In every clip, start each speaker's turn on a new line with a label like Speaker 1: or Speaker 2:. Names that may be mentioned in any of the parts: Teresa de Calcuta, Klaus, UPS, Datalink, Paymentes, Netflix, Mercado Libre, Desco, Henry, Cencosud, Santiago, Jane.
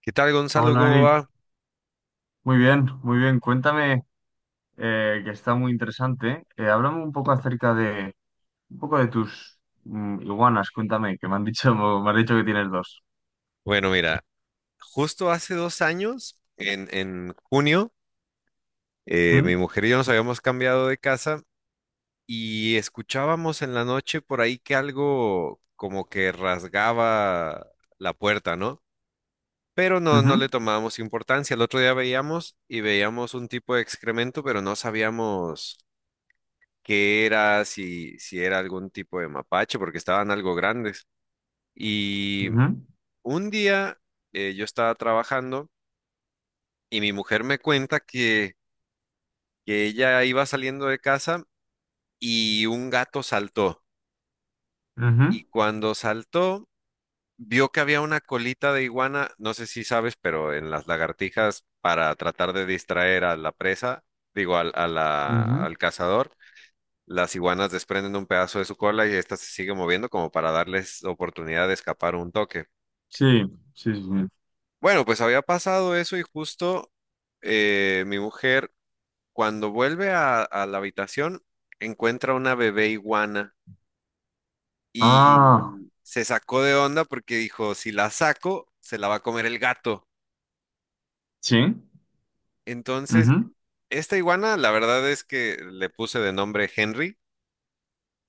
Speaker 1: ¿Qué tal, Gonzalo?
Speaker 2: Hola
Speaker 1: ¿Cómo
Speaker 2: Eric,
Speaker 1: va?
Speaker 2: muy bien, muy bien. Cuéntame, que está muy interesante. Háblame un poco de tus iguanas. Cuéntame, que me han dicho, me has dicho que tienes dos.
Speaker 1: Bueno, mira, justo hace 2 años, en junio, mi
Speaker 2: ¿Mm?
Speaker 1: mujer y yo nos habíamos cambiado de casa y escuchábamos en la noche por ahí que algo como que rasgaba la puerta, ¿no? Pero no
Speaker 2: Ujú,
Speaker 1: le tomábamos importancia. El otro día veíamos y veíamos un tipo de excremento, pero no sabíamos qué era, si era algún tipo de mapache, porque estaban algo grandes. Y
Speaker 2: ujú,
Speaker 1: un día yo estaba trabajando. Y mi mujer me cuenta que ella iba saliendo de casa y un gato saltó.
Speaker 2: ujú,
Speaker 1: Y cuando saltó, vio que había una colita de iguana, no sé si sabes, pero en las lagartijas, para tratar de distraer a la presa, digo, al, a la-
Speaker 2: ujú.
Speaker 1: al cazador, las iguanas desprenden un pedazo de su cola y esta se sigue moviendo como para darles oportunidad de escapar un toque.
Speaker 2: Sí, sí, sí. Sí.
Speaker 1: Bueno, pues había pasado eso y justo mi mujer cuando vuelve a la habitación, encuentra una bebé iguana
Speaker 2: Ah,
Speaker 1: y se sacó de onda porque dijo, si la saco, se la va a comer el gato.
Speaker 2: sí.
Speaker 1: Entonces,
Speaker 2: Ujú.
Speaker 1: esta iguana, la verdad es que le puse de nombre Henry.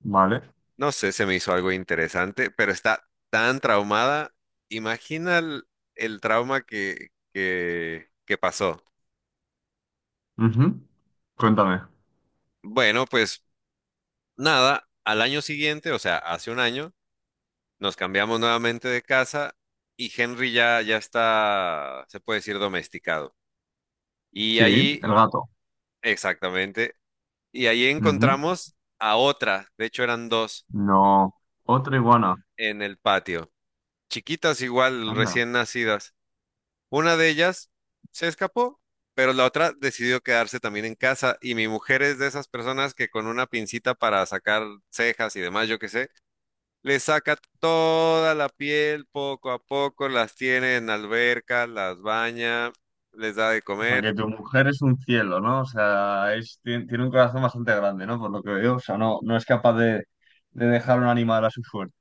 Speaker 2: Vale.
Speaker 1: No sé, se me hizo algo interesante, pero está tan traumada. Imagina el trauma que pasó.
Speaker 2: Ujú. Cuéntame.
Speaker 1: Bueno, pues nada, al año siguiente, o sea, hace un año nos cambiamos nuevamente de casa y Henry ya está, se puede decir, domesticado. Y
Speaker 2: Sí,
Speaker 1: ahí,
Speaker 2: el gato.
Speaker 1: exactamente, y ahí
Speaker 2: Ujú.
Speaker 1: encontramos a otra, de hecho eran dos,
Speaker 2: No, otra iguana.
Speaker 1: en el patio, chiquitas igual,
Speaker 2: Anda.
Speaker 1: recién nacidas. Una de ellas se escapó, pero la otra decidió quedarse también en casa y mi mujer es de esas personas que con una pincita para sacar cejas y demás, yo qué sé, le saca toda la piel, poco a poco las tiene en alberca, las baña, les da de
Speaker 2: O sea,
Speaker 1: comer.
Speaker 2: que tu mujer es un cielo, ¿no? O sea, es, tiene, un corazón bastante grande, ¿no? Por lo que veo. O sea, no, no es capaz de dejar un animal a su suerte.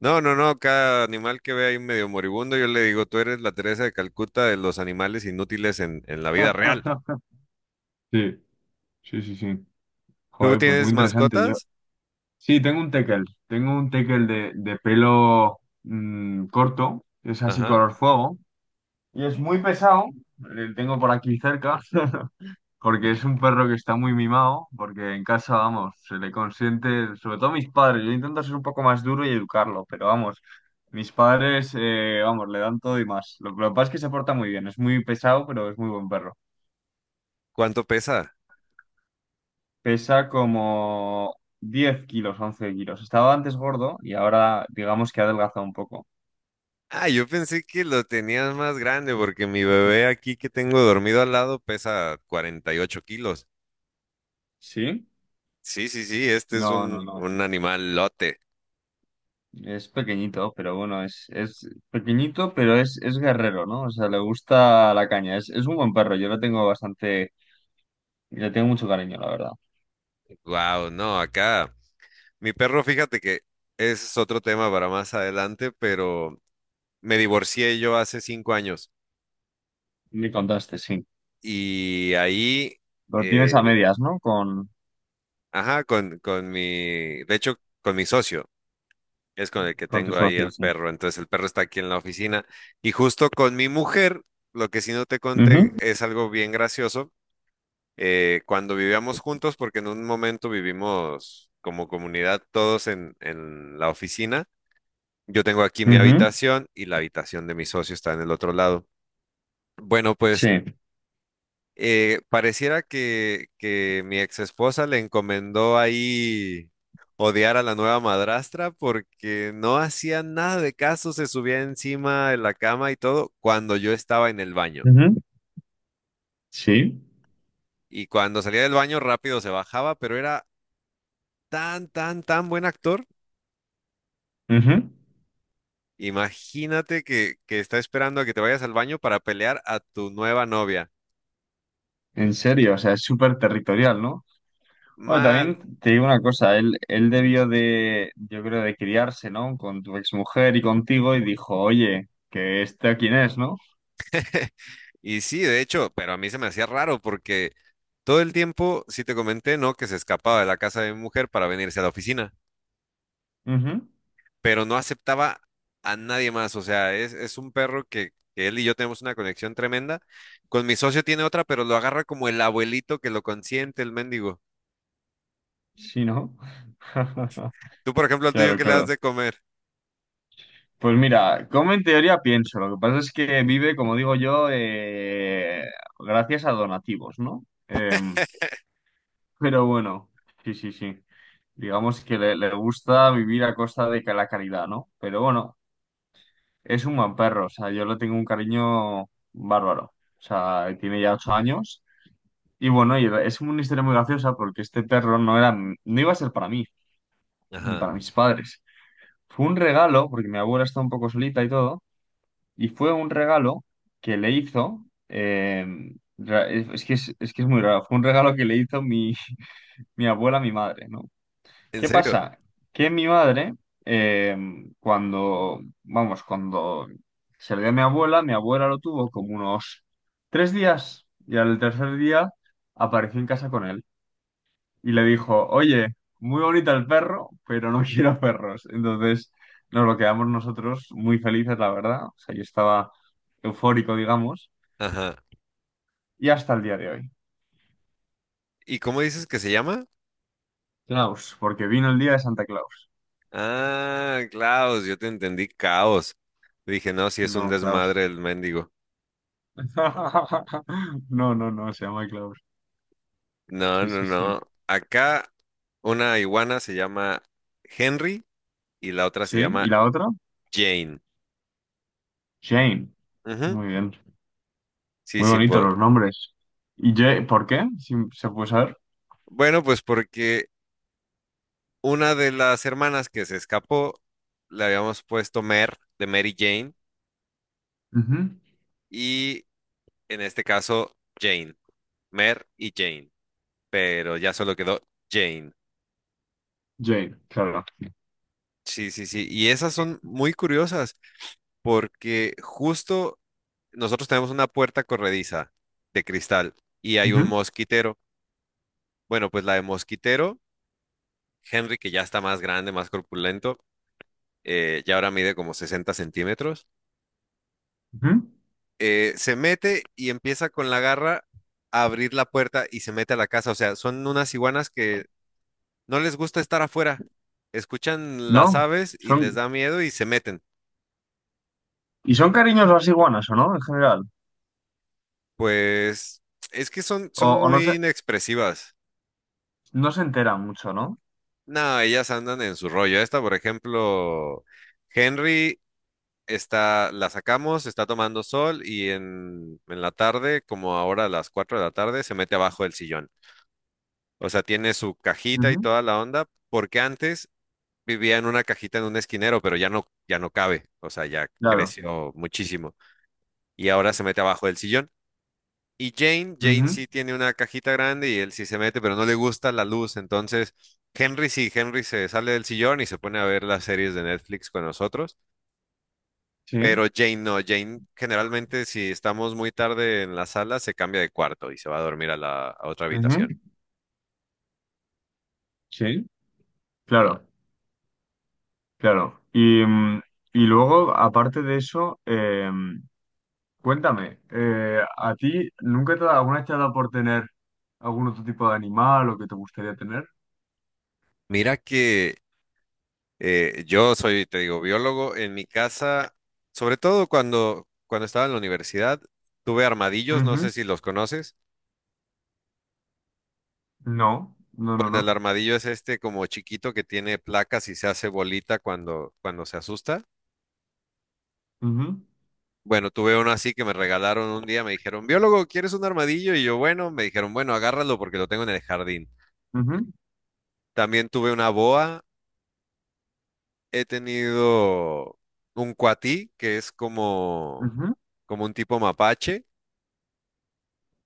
Speaker 1: No, no, no, cada animal que ve ahí medio moribundo, yo le digo, tú eres la Teresa de Calcuta de los animales inútiles en la vida real.
Speaker 2: Sí, sí, sí, sí.
Speaker 1: ¿Tú
Speaker 2: Joder, pues muy
Speaker 1: tienes
Speaker 2: interesante. Yo,
Speaker 1: mascotas?
Speaker 2: sí, tengo un tekel. Tengo un tekel de pelo corto. Es así
Speaker 1: Ajá.
Speaker 2: color fuego. Y es muy pesado. Le tengo por aquí cerca. Porque es un perro que está muy mimado, porque en casa, vamos, se le consiente, sobre todo mis padres, yo intento ser un poco más duro y educarlo, pero vamos, mis padres, vamos, le dan todo y más. Lo que pasa es que se porta muy bien, es muy pesado, pero es muy buen perro.
Speaker 1: ¿Cuánto pesa?
Speaker 2: Pesa como 10 kilos, 11 kilos. Estaba antes gordo y ahora digamos que ha adelgazado un poco.
Speaker 1: Ah, yo pensé que lo tenías más grande porque mi bebé aquí que tengo dormido al lado pesa 48 kilos.
Speaker 2: ¿Sí?
Speaker 1: Sí, sí, sí, este es
Speaker 2: No, no,
Speaker 1: un,
Speaker 2: no.
Speaker 1: un animal lote.
Speaker 2: Es pequeñito, pero bueno, es pequeñito, pero es guerrero, ¿no? O sea, le gusta la caña. Es un buen perro, yo lo tengo bastante. Y le tengo mucho cariño, la verdad.
Speaker 1: Wow, no, acá. Mi perro, fíjate que ese es otro tema para más adelante, pero me divorcié yo hace 5 años
Speaker 2: Me contaste, sí.
Speaker 1: y ahí,
Speaker 2: Lo tienes a
Speaker 1: eh,
Speaker 2: medias, ¿no? Con,
Speaker 1: ajá, con mi, con mi socio, es con el que
Speaker 2: con tus
Speaker 1: tengo ahí el
Speaker 2: socios, sí.
Speaker 1: perro, entonces el perro está aquí en la oficina y justo con mi mujer, lo que sí no te
Speaker 2: Ujú,
Speaker 1: conté es algo bien gracioso, cuando vivíamos juntos, porque en un momento vivimos como comunidad todos en la oficina. Yo tengo aquí mi
Speaker 2: ujú,
Speaker 1: habitación y la habitación de mi socio está en el otro lado. Bueno, pues
Speaker 2: sí.
Speaker 1: pareciera que mi ex esposa le encomendó ahí odiar a la nueva madrastra porque no hacía nada de caso, se subía encima de la cama y todo cuando yo estaba en el baño.
Speaker 2: Ujú, sí.
Speaker 1: Y cuando salía del baño rápido se bajaba, pero era tan buen actor.
Speaker 2: Ujú.
Speaker 1: Imagínate que está esperando a que te vayas al baño para pelear a tu nueva novia.
Speaker 2: En serio, o sea, es súper territorial, ¿no? Bueno,
Speaker 1: Mal.
Speaker 2: también te digo una cosa, él debió de, yo creo, de criarse, ¿no? Con tu exmujer y contigo y dijo, oye, que este quién es, ¿no?
Speaker 1: Y sí, de hecho, pero a mí se me hacía raro porque todo el tiempo, sí te comenté, ¿no? Que se escapaba de la casa de mi mujer para venirse a la oficina,
Speaker 2: Ujú.
Speaker 1: pero no aceptaba a nadie más. O sea, es un perro que él y yo tenemos una conexión tremenda. Con mi socio tiene otra, pero lo agarra como el abuelito que lo consiente, el mendigo.
Speaker 2: Sí, ¿no?
Speaker 1: Tú, por ejemplo, al tuyo,
Speaker 2: Claro,
Speaker 1: ¿qué le das
Speaker 2: claro.
Speaker 1: de comer?
Speaker 2: Pues mira, como en teoría pienso, lo que pasa es que vive, como digo yo, gracias a donativos, ¿no? Pero bueno, sí, sí, sí. Digamos que le gusta vivir a costa de que la caridad, ¿no? Pero bueno, es un buen perro, o sea, yo le tengo un cariño bárbaro. O sea, tiene ya 8 años. Y bueno, y es una historia muy graciosa porque este perro no iba a ser para mí, ni
Speaker 1: Ajá.
Speaker 2: para mis padres. Fue un regalo, porque mi abuela está un poco solita y todo. Y fue un regalo que le hizo, ra- es que es que es muy raro, fue un regalo que le hizo mi, mi abuela a mi madre, ¿no?
Speaker 1: ¿En
Speaker 2: ¿Qué
Speaker 1: serio?
Speaker 2: pasa? Que mi madre, eh, cuando, vamos, cuando se le dio a mi abuela lo tuvo como unos 3 días y al tercer día apareció en casa con él y le dijo, oye, muy bonito el perro, pero no quiero perros. Entonces nos lo quedamos nosotros muy felices, la verdad. O sea, yo estaba eufórico, digamos,
Speaker 1: Ajá.
Speaker 2: y hasta el día de hoy.
Speaker 1: ¿Y cómo dices que se llama?
Speaker 2: Klaus, porque vino el día de Santa Claus.
Speaker 1: Ah, Klaus, yo te entendí, caos. Dije, no, si es un
Speaker 2: No, Klaus.
Speaker 1: desmadre el mendigo.
Speaker 2: No, no, no, se llama Klaus.
Speaker 1: No,
Speaker 2: Sí,
Speaker 1: no,
Speaker 2: sí, sí.
Speaker 1: no. Acá una iguana se llama Henry y la otra se
Speaker 2: ¿Sí? ¿Y
Speaker 1: llama
Speaker 2: la otra?
Speaker 1: Jane.
Speaker 2: Jane.
Speaker 1: Ujú.
Speaker 2: Muy bien.
Speaker 1: Sí,
Speaker 2: Muy
Speaker 1: sí.
Speaker 2: bonitos los nombres. ¿Y Jane? ¿Por qué? Si se puede saber.
Speaker 1: Bueno, pues porque una de las hermanas que se escapó le habíamos puesto Mer de Mary Jane
Speaker 2: Ujú.
Speaker 1: y en este caso Jane. Mer y Jane. Pero ya solo quedó Jane.
Speaker 2: Jane, claro.
Speaker 1: Sí, sí, sí. Y esas son muy curiosas porque justo nosotros tenemos una puerta corrediza de cristal y hay un
Speaker 2: Ujú,
Speaker 1: mosquitero. Bueno, pues la de mosquitero, Henry, que ya está más grande, más corpulento, ya ahora mide como 60 centímetros,
Speaker 2: ujú.
Speaker 1: se mete y empieza con la garra a abrir la puerta y se mete a la casa. O sea, son unas iguanas que no les gusta estar afuera. Escuchan las
Speaker 2: No,
Speaker 1: aves y les
Speaker 2: son.
Speaker 1: da miedo y se meten.
Speaker 2: ¿Y son cariños las iguanas o no, en general?
Speaker 1: Pues es que son,
Speaker 2: O,
Speaker 1: son
Speaker 2: o no se,
Speaker 1: muy inexpresivas.
Speaker 2: no se enteran mucho, ¿no?
Speaker 1: No, ellas andan en su rollo. Esta, por ejemplo, Henry está, la sacamos, está tomando sol y en la tarde, como ahora a las 4 de la tarde, se mete abajo del sillón. O sea, tiene su cajita y
Speaker 2: Ujú.
Speaker 1: toda la onda, porque antes vivía en una cajita en un esquinero, pero ya no, ya no cabe, o sea, ya
Speaker 2: Claro.
Speaker 1: creció muchísimo y ahora se mete abajo del sillón. Y Jane, Jane
Speaker 2: Ujú.
Speaker 1: sí tiene una cajita grande y él sí se mete, pero no le gusta la luz, entonces Henry sí, Henry se sale del sillón y se pone a ver las series de Netflix con nosotros.
Speaker 2: Sí.
Speaker 1: Pero Jane no, Jane generalmente si estamos muy tarde en la sala se cambia de cuarto y se va a dormir a la a otra habitación.
Speaker 2: Ujú. Sí. Claro, claro. Y, y luego, aparte de eso, cuéntame, ¿a ti nunca alguna vez te ha dado por tener algún otro tipo de animal o que te gustaría tener?
Speaker 1: Mira que yo soy, te digo, biólogo. En mi casa, sobre todo cuando estaba en la universidad, tuve armadillos, no sé
Speaker 2: Ujú.
Speaker 1: si los conoces.
Speaker 2: No, no,
Speaker 1: Bueno,
Speaker 2: no,
Speaker 1: el
Speaker 2: no.
Speaker 1: armadillo es este como chiquito que tiene placas y se hace bolita cuando se asusta.
Speaker 2: Ujú,
Speaker 1: Bueno, tuve uno así que me regalaron un día, me dijeron, biólogo, ¿quieres un armadillo? Y yo, bueno, me dijeron, bueno, agárralo porque lo tengo en el jardín.
Speaker 2: ujú,
Speaker 1: También tuve una boa, he tenido un cuatí, que es como,
Speaker 2: ujú.
Speaker 1: como un tipo mapache,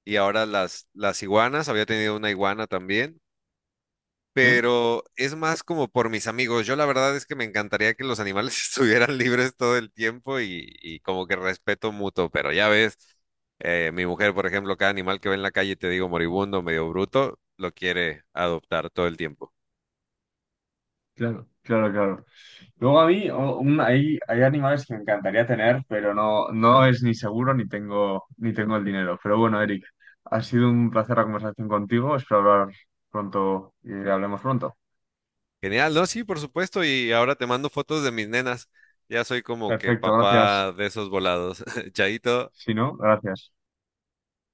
Speaker 1: y ahora las iguanas, había tenido una iguana también,
Speaker 2: Sí.
Speaker 1: pero es más como por mis amigos. Yo la verdad es que me encantaría que los animales estuvieran libres todo el tiempo y como que respeto mutuo, pero ya ves, mi mujer, por ejemplo, cada animal que ve en la calle, te digo moribundo, medio bruto, lo quiere adoptar todo el tiempo.
Speaker 2: Claro, claro, claro. Luego a mí hay animales que me encantaría tener, pero no, no es ni seguro ni tengo, el dinero. Pero bueno, Eric, ha sido un placer la conversación contigo. Espero hablar pronto y hablemos pronto.
Speaker 1: Genial, ¿no? Sí, por supuesto. Y ahora te mando fotos de mis nenas. Ya soy como que
Speaker 2: Perfecto, gracias.
Speaker 1: papá de esos volados. Chaito.
Speaker 2: Si no, gracias.